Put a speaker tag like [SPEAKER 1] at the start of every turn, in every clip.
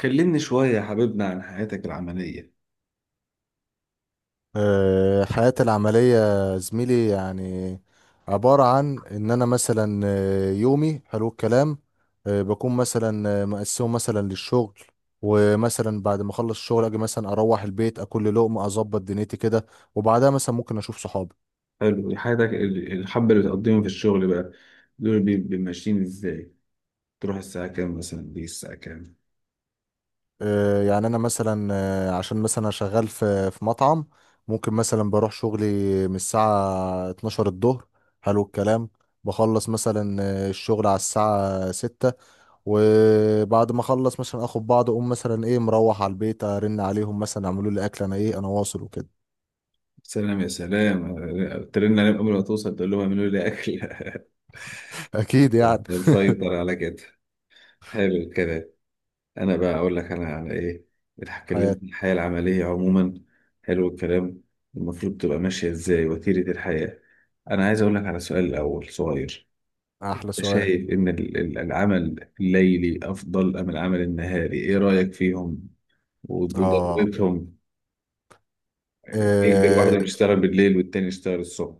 [SPEAKER 1] كلمني شوية يا حبيبنا عن حياتك العملية.
[SPEAKER 2] حياتي العملية زميلي يعني عبارة عن إن أنا مثلا يومي حلو الكلام. بكون مثلا مقسمه مثلا للشغل، ومثلا بعد ما أخلص الشغل أجي مثلا أروح البيت أكل لي لقمة أظبط دنيتي كده، وبعدها مثلا ممكن أشوف صحابي.
[SPEAKER 1] حلو، حياتك الحبة اللي بتقضيهم في الشغل بقى دول ماشيين ازاي؟ تروح الساعة كام مثلا، دي الساعة كام؟
[SPEAKER 2] يعني أنا مثلا عشان مثلا أنا شغال في مطعم. ممكن مثلا بروح شغلي من الساعة 12 الظهر حلو الكلام. بخلص مثلا الشغل على الساعة 6، وبعد ما اخلص مثلا اخد بعض اقوم مثلا ايه مروح على البيت ارن عليهم مثلا اعملوا لي اكل انا ايه انا واصل وكده.
[SPEAKER 1] سلام يا سلام، ترن عليهم قبل ما توصل تقول لهم اعملوا لي أكل
[SPEAKER 2] اكيد يعني.
[SPEAKER 1] مسيطر على كده. حلو الكلام. أنا بقى أقول لك أنا على إيه، بتكلم
[SPEAKER 2] حياتي.
[SPEAKER 1] الحياة العملية عموما. حلو الكلام. المفروض تبقى ماشية ازاي وتيرة الحياة؟ أنا عايز أقول لك على سؤال الأول صغير.
[SPEAKER 2] احلى سؤال.
[SPEAKER 1] شايف إن العمل الليلي أفضل أم العمل النهاري؟ إيه رأيك فيهم
[SPEAKER 2] اه.
[SPEAKER 1] وضرورتهم؟ يقدر
[SPEAKER 2] إيه.
[SPEAKER 1] واحد يشتغل بالليل والتاني يشتغل الصبح.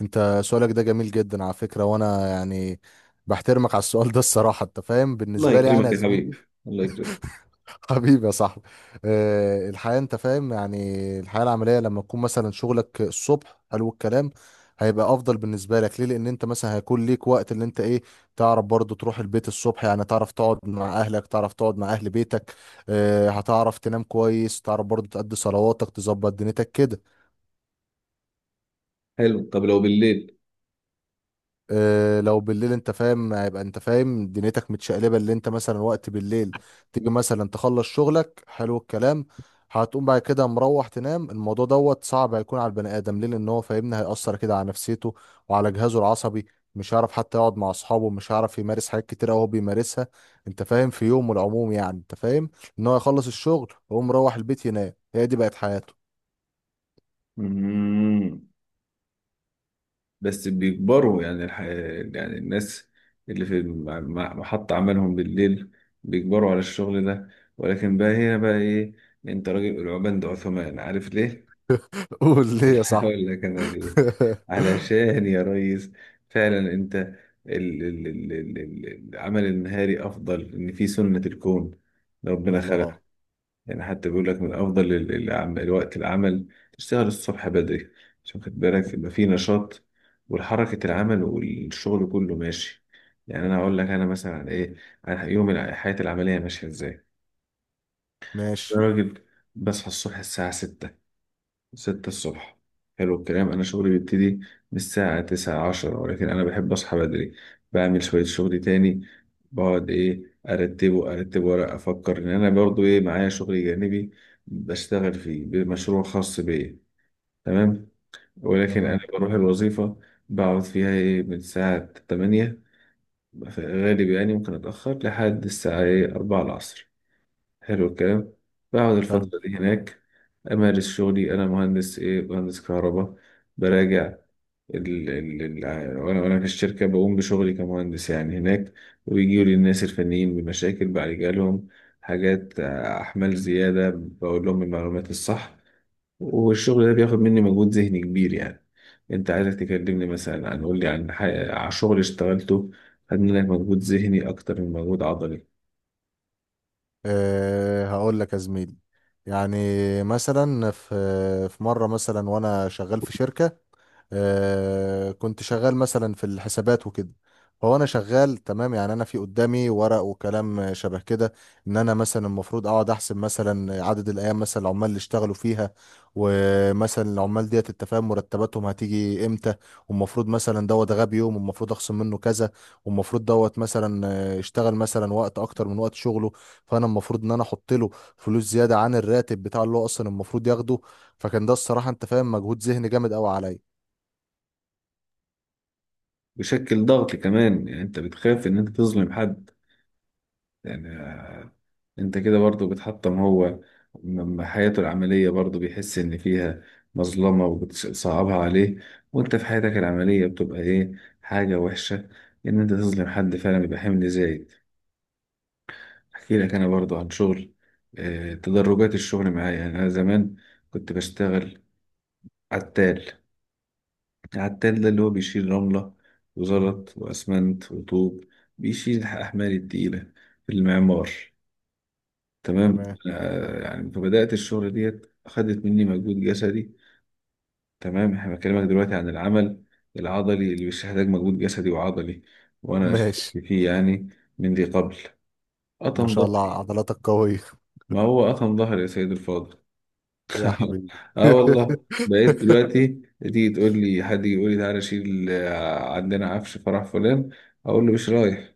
[SPEAKER 2] انت سؤالك ده جميل جدا على فكرة، وانا يعني بحترمك على السؤال ده الصراحة، انت فاهم
[SPEAKER 1] الله
[SPEAKER 2] بالنسبة لي يعني
[SPEAKER 1] يكرمك
[SPEAKER 2] يا
[SPEAKER 1] يا
[SPEAKER 2] زميلي.
[SPEAKER 1] حبيبي، الله يكرمك.
[SPEAKER 2] حبيبي يا صاحبي. الحياة انت فاهم يعني الحياة العملية لما تكون مثلا شغلك الصبح حلو الكلام. هيبقى افضل بالنسبة لك ليه؟ لان انت مثلا هيكون ليك وقت اللي انت ايه تعرف برضو تروح البيت الصبح، يعني تعرف تقعد مع اهلك، تعرف تقعد مع اهل بيتك. هتعرف تنام كويس، تعرف برضو تأدي صلواتك تظبط دنيتك كده.
[SPEAKER 1] حلو، طب لو بالليل؟
[SPEAKER 2] لو بالليل انت فاهم هيبقى انت فاهم دنيتك متشقلبه اللي انت مثلا وقت بالليل تيجي مثلا تخلص شغلك حلو الكلام. هتقوم بعد كده مروح تنام، الموضوع دوت صعب هيكون على البني ادم. ليه؟ لان هو فاهمني هيأثر كده على نفسيته وعلى جهازه العصبي. مش هيعرف حتى يقعد مع اصحابه، مش هيعرف يمارس حاجات كتير قوي هو بيمارسها انت فاهم في يومه العموم، يعني انت فاهم ان هو يخلص الشغل ويقوم مروح البيت ينام، هي دي بقت حياته.
[SPEAKER 1] مم. بس بيكبروا يعني يعني الناس اللي في محط عملهم بالليل بيكبروا على الشغل ده، ولكن بقى هنا بقى إيه؟ أنت راجل العبان ده عثمان، عارف ليه؟
[SPEAKER 2] قول ليه يا صاحبي.
[SPEAKER 1] هقول لك أنا ليه. علشان يا ريس فعلا انت العمل النهاري افضل، ان في سنة الكون ربنا خلق،
[SPEAKER 2] الله.
[SPEAKER 1] يعني حتى بيقول لك من افضل الوقت العمل تشتغل الصبح بدري، عشان خد بالك يبقى في نشاط والحركة، العمل والشغل كله ماشي. يعني انا اقول لك انا مثلا عن ايه، عن يوم حياتي العملية ماشية ازاي.
[SPEAKER 2] ماشي.
[SPEAKER 1] أنا راجل بصحى الصبح الساعة 6، ستة الصبح. حلو الكلام. أنا شغلي بيبتدي من الساعة تسعة عشرة، ولكن أنا بحب أصحى بدري، بعمل شوية شغل تاني، بقعد إيه أرتبه، أرتب ورق، أفكر إن أنا برضو إيه معايا شغل جانبي بشتغل فيه، بمشروع خاص بيا. تمام. ولكن أنا
[SPEAKER 2] تمام.
[SPEAKER 1] بروح الوظيفة بقعد فيها إيه من الساعة 8 في الغالب، يعني ممكن أتأخر لحد الساعة إيه 4 العصر. حلو الكلام. بقعد
[SPEAKER 2] حلو.
[SPEAKER 1] الفترة دي هناك أمارس شغلي، أنا مهندس إيه، مهندس كهرباء، براجع ال ال ال وأنا في الشركة بقوم بشغلي كمهندس يعني هناك، وبيجيوا لي الناس الفنيين بمشاكل بعالجها لهم، حاجات أحمال زيادة بقول لهم المعلومات الصح. والشغل ده بياخد مني مجهود ذهني كبير يعني. أنت عايزك تكلمني مثلا عن، قول لي عن عن شغل اشتغلته، خد منك مجهود ذهني أكتر من مجهود عضلي.
[SPEAKER 2] أه هقول لك يا زميلي، يعني مثلا في مرة مثلا وأنا شغال في شركة. كنت شغال مثلا في الحسابات وكده، فهو انا شغال تمام يعني انا في قدامي ورق وكلام شبه كده. ان انا مثلا المفروض اقعد احسب مثلا عدد الايام مثلا العمال اللي اشتغلوا فيها، ومثلا العمال ديت انت فاهم مرتباتهم هتيجي امتى، والمفروض مثلا دوت غاب يوم والمفروض اخصم منه كذا، والمفروض دوت مثلا اشتغل مثلا وقت اكتر من وقت شغله، فانا المفروض ان انا احط له فلوس زياده عن الراتب بتاع اللي هو اصلا المفروض ياخده. فكان ده الصراحه انت فاهم مجهود ذهني جامد قوي عليا.
[SPEAKER 1] بيشكل ضغط كمان، يعني انت بتخاف ان انت تظلم حد، يعني انت كده برضو بتحطم هو، حياته العملية برضو، بيحس ان فيها مظلمة وبتصعبها عليه، وانت في حياتك العملية بتبقى ايه، حاجة وحشة ان انت تظلم حد، فعلا بيبقى حمل زايد. احكي لك انا برضو عن شغل، تدرجات الشغل معايا. يعني انا زمان كنت بشتغل عتال، العتال ده اللي هو بيشيل رملة
[SPEAKER 2] مم.
[SPEAKER 1] وزلط وأسمنت وطوب، بيشيل الأحمال التقيلة في المعمار. تمام،
[SPEAKER 2] تمام.
[SPEAKER 1] يعني فبدأت الشغل ديت، أخدت مني مجهود جسدي. تمام، إحنا بكلمك دلوقتي عن العمل العضلي اللي بيحتاج مجهود جسدي وعضلي، وأنا شاركت
[SPEAKER 2] ماشي.
[SPEAKER 1] فيه يعني من ذي قبل،
[SPEAKER 2] ما
[SPEAKER 1] قطم
[SPEAKER 2] شاء الله
[SPEAKER 1] ظهري.
[SPEAKER 2] عضلاتك قوية
[SPEAKER 1] ما هو قطم ظهري يا سيد الفاضل،
[SPEAKER 2] يا حبيبي.
[SPEAKER 1] اه والله بقيت دلوقتي تيجي تقول لي، حد يجي يقول لي تعالى شيل، عندنا عفش فرح فلان، اقول له مش رايح.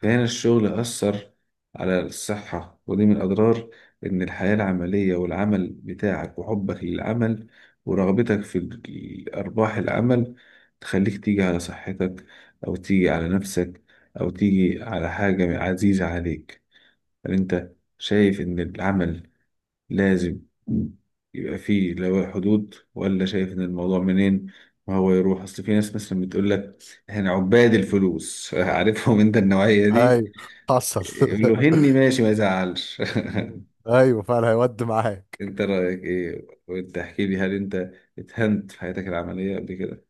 [SPEAKER 1] فهنا الشغل اثر على الصحه، ودي من اضرار ان الحياه العمليه والعمل بتاعك وحبك للعمل ورغبتك في ارباح العمل، تخليك تيجي على صحتك، او تيجي على نفسك، او تيجي على حاجه عزيزه عليك. هل انت شايف ان العمل لازم يبقى في لو حدود، ولا شايف ان الموضوع منين ما هو يروح؟ اصل في ناس مثلا بتقول لك احنا عباد الفلوس عارفهم انت النوعية دي،
[SPEAKER 2] ايوه حصل.
[SPEAKER 1] يقول له هني ماشي ما يزعلش.
[SPEAKER 2] مم. ايوه فعلا هيودي معاك.
[SPEAKER 1] انت رأيك ايه؟ وانت احكي لي، هل انت اتهنت في حياتك العملية قبل كده؟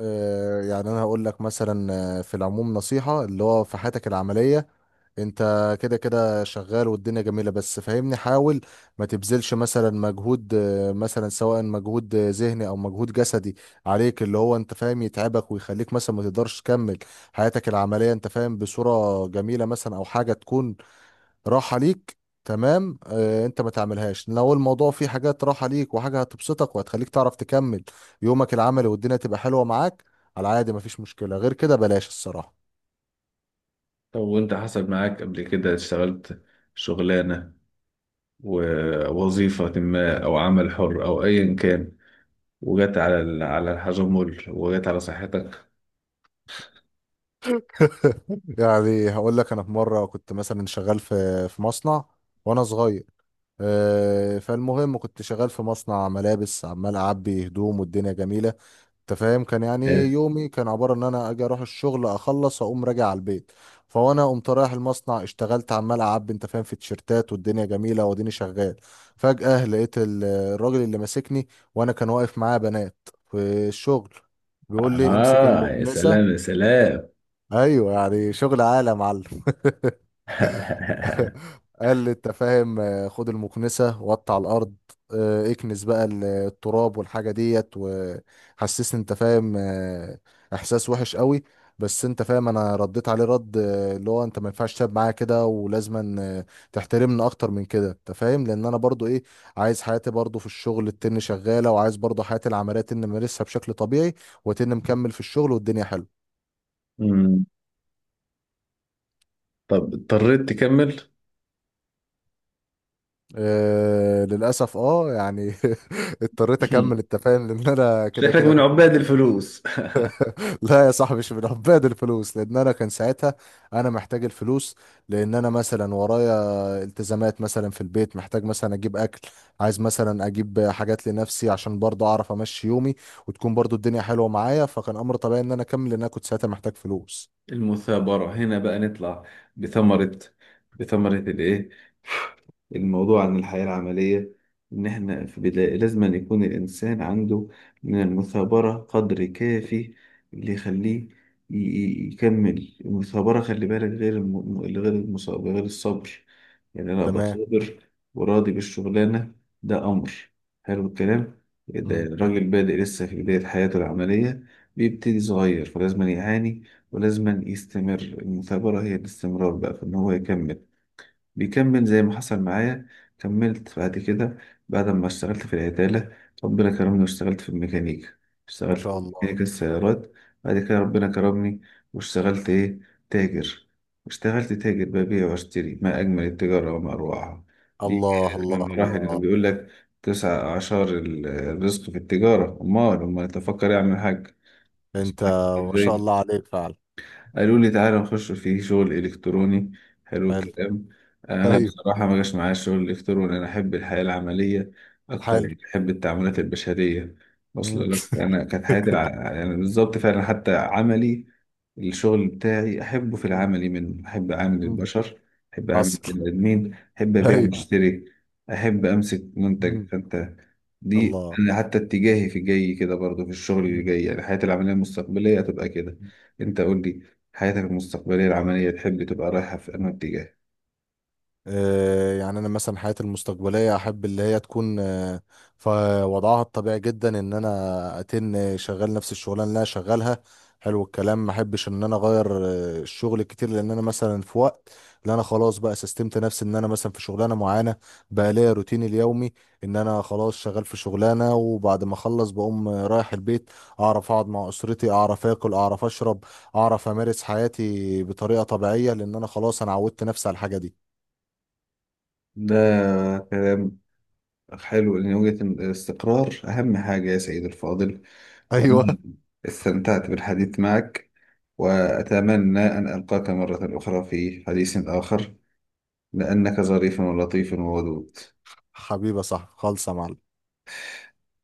[SPEAKER 2] يعني انا هقول لك مثلا في العموم نصيحة اللي هو في حياتك العملية انت كده كده شغال والدنيا جميلة، بس فاهمني حاول ما تبذلش مثلا مجهود مثلا سواء مجهود ذهني او مجهود جسدي عليك اللي هو انت فاهم يتعبك ويخليك مثلا ما تقدرش تكمل حياتك العملية انت فاهم بصورة جميلة، مثلا او حاجة تكون راحة ليك. تمام اه انت ما تعملهاش لو الموضوع فيه حاجات راحة ليك وحاجة هتبسطك وهتخليك تعرف تكمل يومك العملي والدنيا تبقى حلوة معاك على عادي، مفيش مشكلة غير كده بلاش الصراحة.
[SPEAKER 1] طب وانت حصل معاك قبل كده اشتغلت شغلانة ووظيفة ما، او عمل حر او ايا كان، وجت على على الحجمل، وجت على صحتك؟
[SPEAKER 2] يعني هقول لك انا في مره كنت مثلا شغال في مصنع وانا صغير. فالمهم كنت شغال في مصنع ملابس عمال اعبي هدوم والدنيا جميله، انت فاهم كان يعني يومي كان عباره ان انا اجي اروح الشغل اخلص اقوم راجع على البيت. فوانا قمت رايح المصنع اشتغلت عمال اعبي انت فاهم في تيشيرتات والدنيا جميله واديني شغال. فجاه لقيت الراجل اللي ماسكني، وانا كان واقف معاه بنات في الشغل، بيقول لي امسك
[SPEAKER 1] آه يا
[SPEAKER 2] المكنسه.
[SPEAKER 1] سلام، يا سلام.
[SPEAKER 2] ايوه يعني شغل عالي يا معلم. قال لي انت فاهم خد المكنسة وقطع الأرض. اكنس بقى التراب والحاجة ديت، وحسسني انت فاهم إحساس وحش قوي. بس انت فاهم انا رديت عليه رد اللي هو انت ما ينفعش تلعب معايا كده ولازما تحترمني اكتر من كده، انت فاهم لان انا برضو ايه عايز حياتي برضو في الشغل التن شغالة، وعايز برضو حياتي العملية تن مارسها بشكل طبيعي، وتن مكمل في الشغل والدنيا حلوة.
[SPEAKER 1] مم. طب اضطريت تكمل؟
[SPEAKER 2] للأسف اه يعني اضطريت أكمل أنت فاهم لأن أنا كده
[SPEAKER 1] شكلك
[SPEAKER 2] كده
[SPEAKER 1] من
[SPEAKER 2] كنت
[SPEAKER 1] عباد الفلوس.
[SPEAKER 2] لا يا صاحبي مش من عباد الفلوس، لأن أنا كان ساعتها أنا محتاج الفلوس، لأن أنا مثلا ورايا التزامات مثلا في البيت، محتاج مثلا أجيب أكل، عايز مثلا أجيب حاجات لنفسي عشان برضه أعرف أمشي يومي وتكون برضه الدنيا حلوة معايا. فكان أمر طبيعي إن أنا أكمل لأن أنا كنت ساعتها محتاج فلوس.
[SPEAKER 1] المثابرة هنا بقى نطلع بثمرة، الإيه الموضوع عن الحياة العملية، إن إحنا في بداية لازم أن يكون الإنسان عنده من المثابرة قدر كافي اللي يخليه يكمل. المثابرة خلي بالك غير غير المصاب، غير الصبر، يعني أنا أبقى
[SPEAKER 2] تمام.
[SPEAKER 1] صابر وراضي بالشغلانة، ده أمر. حلو الكلام. ده
[SPEAKER 2] مم.
[SPEAKER 1] الراجل بادئ لسه في بداية حياته العملية، بيبتدي صغير فلازم يعاني ولازم يستمر، المثابرة هي الاستمرار بقى في إن هو يكمل. بيكمل زي ما حصل معايا، كملت بعد كده، بعد ما اشتغلت في العدالة ربنا كرمني واشتغلت في الميكانيكا،
[SPEAKER 2] ما
[SPEAKER 1] اشتغلت
[SPEAKER 2] شاء
[SPEAKER 1] في
[SPEAKER 2] الله.
[SPEAKER 1] ميكانيكا السيارات، بعد كده ربنا كرمني واشتغلت ايه، تاجر، واشتغلت تاجر، ببيع واشتري، ما أجمل التجارة وما أروعها. دي
[SPEAKER 2] الله
[SPEAKER 1] كانت من
[SPEAKER 2] الله الله
[SPEAKER 1] المراحل، اللي
[SPEAKER 2] الله،
[SPEAKER 1] بيقول لك تسع أعشار الرزق في التجارة، أمال أمال تفكر يعمل حاجة
[SPEAKER 2] أنت ما شاء
[SPEAKER 1] ازاي؟
[SPEAKER 2] الله عليك فعلا.
[SPEAKER 1] قالوا لي تعالى نخش في شغل إلكتروني. حلو
[SPEAKER 2] حلو.
[SPEAKER 1] الكلام. أنا
[SPEAKER 2] ايوه.
[SPEAKER 1] بصراحة ما جاش معايا الشغل الإلكتروني، أنا أحب الحياة العملية أكتر،
[SPEAKER 2] حلو.
[SPEAKER 1] يعني أحب التعاملات
[SPEAKER 2] مم.
[SPEAKER 1] البشرية.
[SPEAKER 2] مم.
[SPEAKER 1] وصل لك، أنا كانت حياتي يعني بالظبط فعلا حتى عملي، الشغل بتاعي أحبه في
[SPEAKER 2] مم.
[SPEAKER 1] العملي، من أحب أعامل
[SPEAKER 2] مم.
[SPEAKER 1] البشر، أحب أعامل
[SPEAKER 2] حصل.
[SPEAKER 1] البني آدمين، أحب أبيع
[SPEAKER 2] ايوه.
[SPEAKER 1] وأشتري، أحب أمسك منتج
[SPEAKER 2] مم.
[SPEAKER 1] فأنت. دي
[SPEAKER 2] الله.
[SPEAKER 1] أنا حتى اتجاهي في جاي كده برضه، في الشغل اللي
[SPEAKER 2] مم.
[SPEAKER 1] جاي، يعني حياتي العملية المستقبلية هتبقى كده. أنت قول لي، حياتك المستقبلية العملية تحب تبقى رايحة في أنهي اتجاه؟
[SPEAKER 2] يعني انا مثلا حياتي المستقبليه احب اللي هي تكون في وضعها الطبيعي جدا ان انا اتن شغال نفس الشغلانه اللي انا شغالها حلو الكلام. ما احبش ان انا اغير الشغل كتير، لان انا مثلا في وقت اللي انا خلاص بقى سستمت نفسي ان انا مثلا في شغلانه معينه بقى ليا روتيني اليومي، ان انا خلاص شغال في شغلانه وبعد ما اخلص بقوم رايح البيت، اعرف اقعد مع اسرتي اعرف اكل اعرف اشرب، اعرف امارس حياتي بطريقه طبيعيه، لان انا خلاص انا عودت نفسي على الحاجه دي.
[SPEAKER 1] ده كلام حلو، لأن وجهة الاستقرار أهم حاجة يا سيد الفاضل. وأنا
[SPEAKER 2] ايوه
[SPEAKER 1] استمتعت بالحديث معك وأتمنى أن ألقاك مرة أخرى في حديث آخر، لأنك ظريف ولطيف وودود.
[SPEAKER 2] حبيبة صح خالصة يا معلم.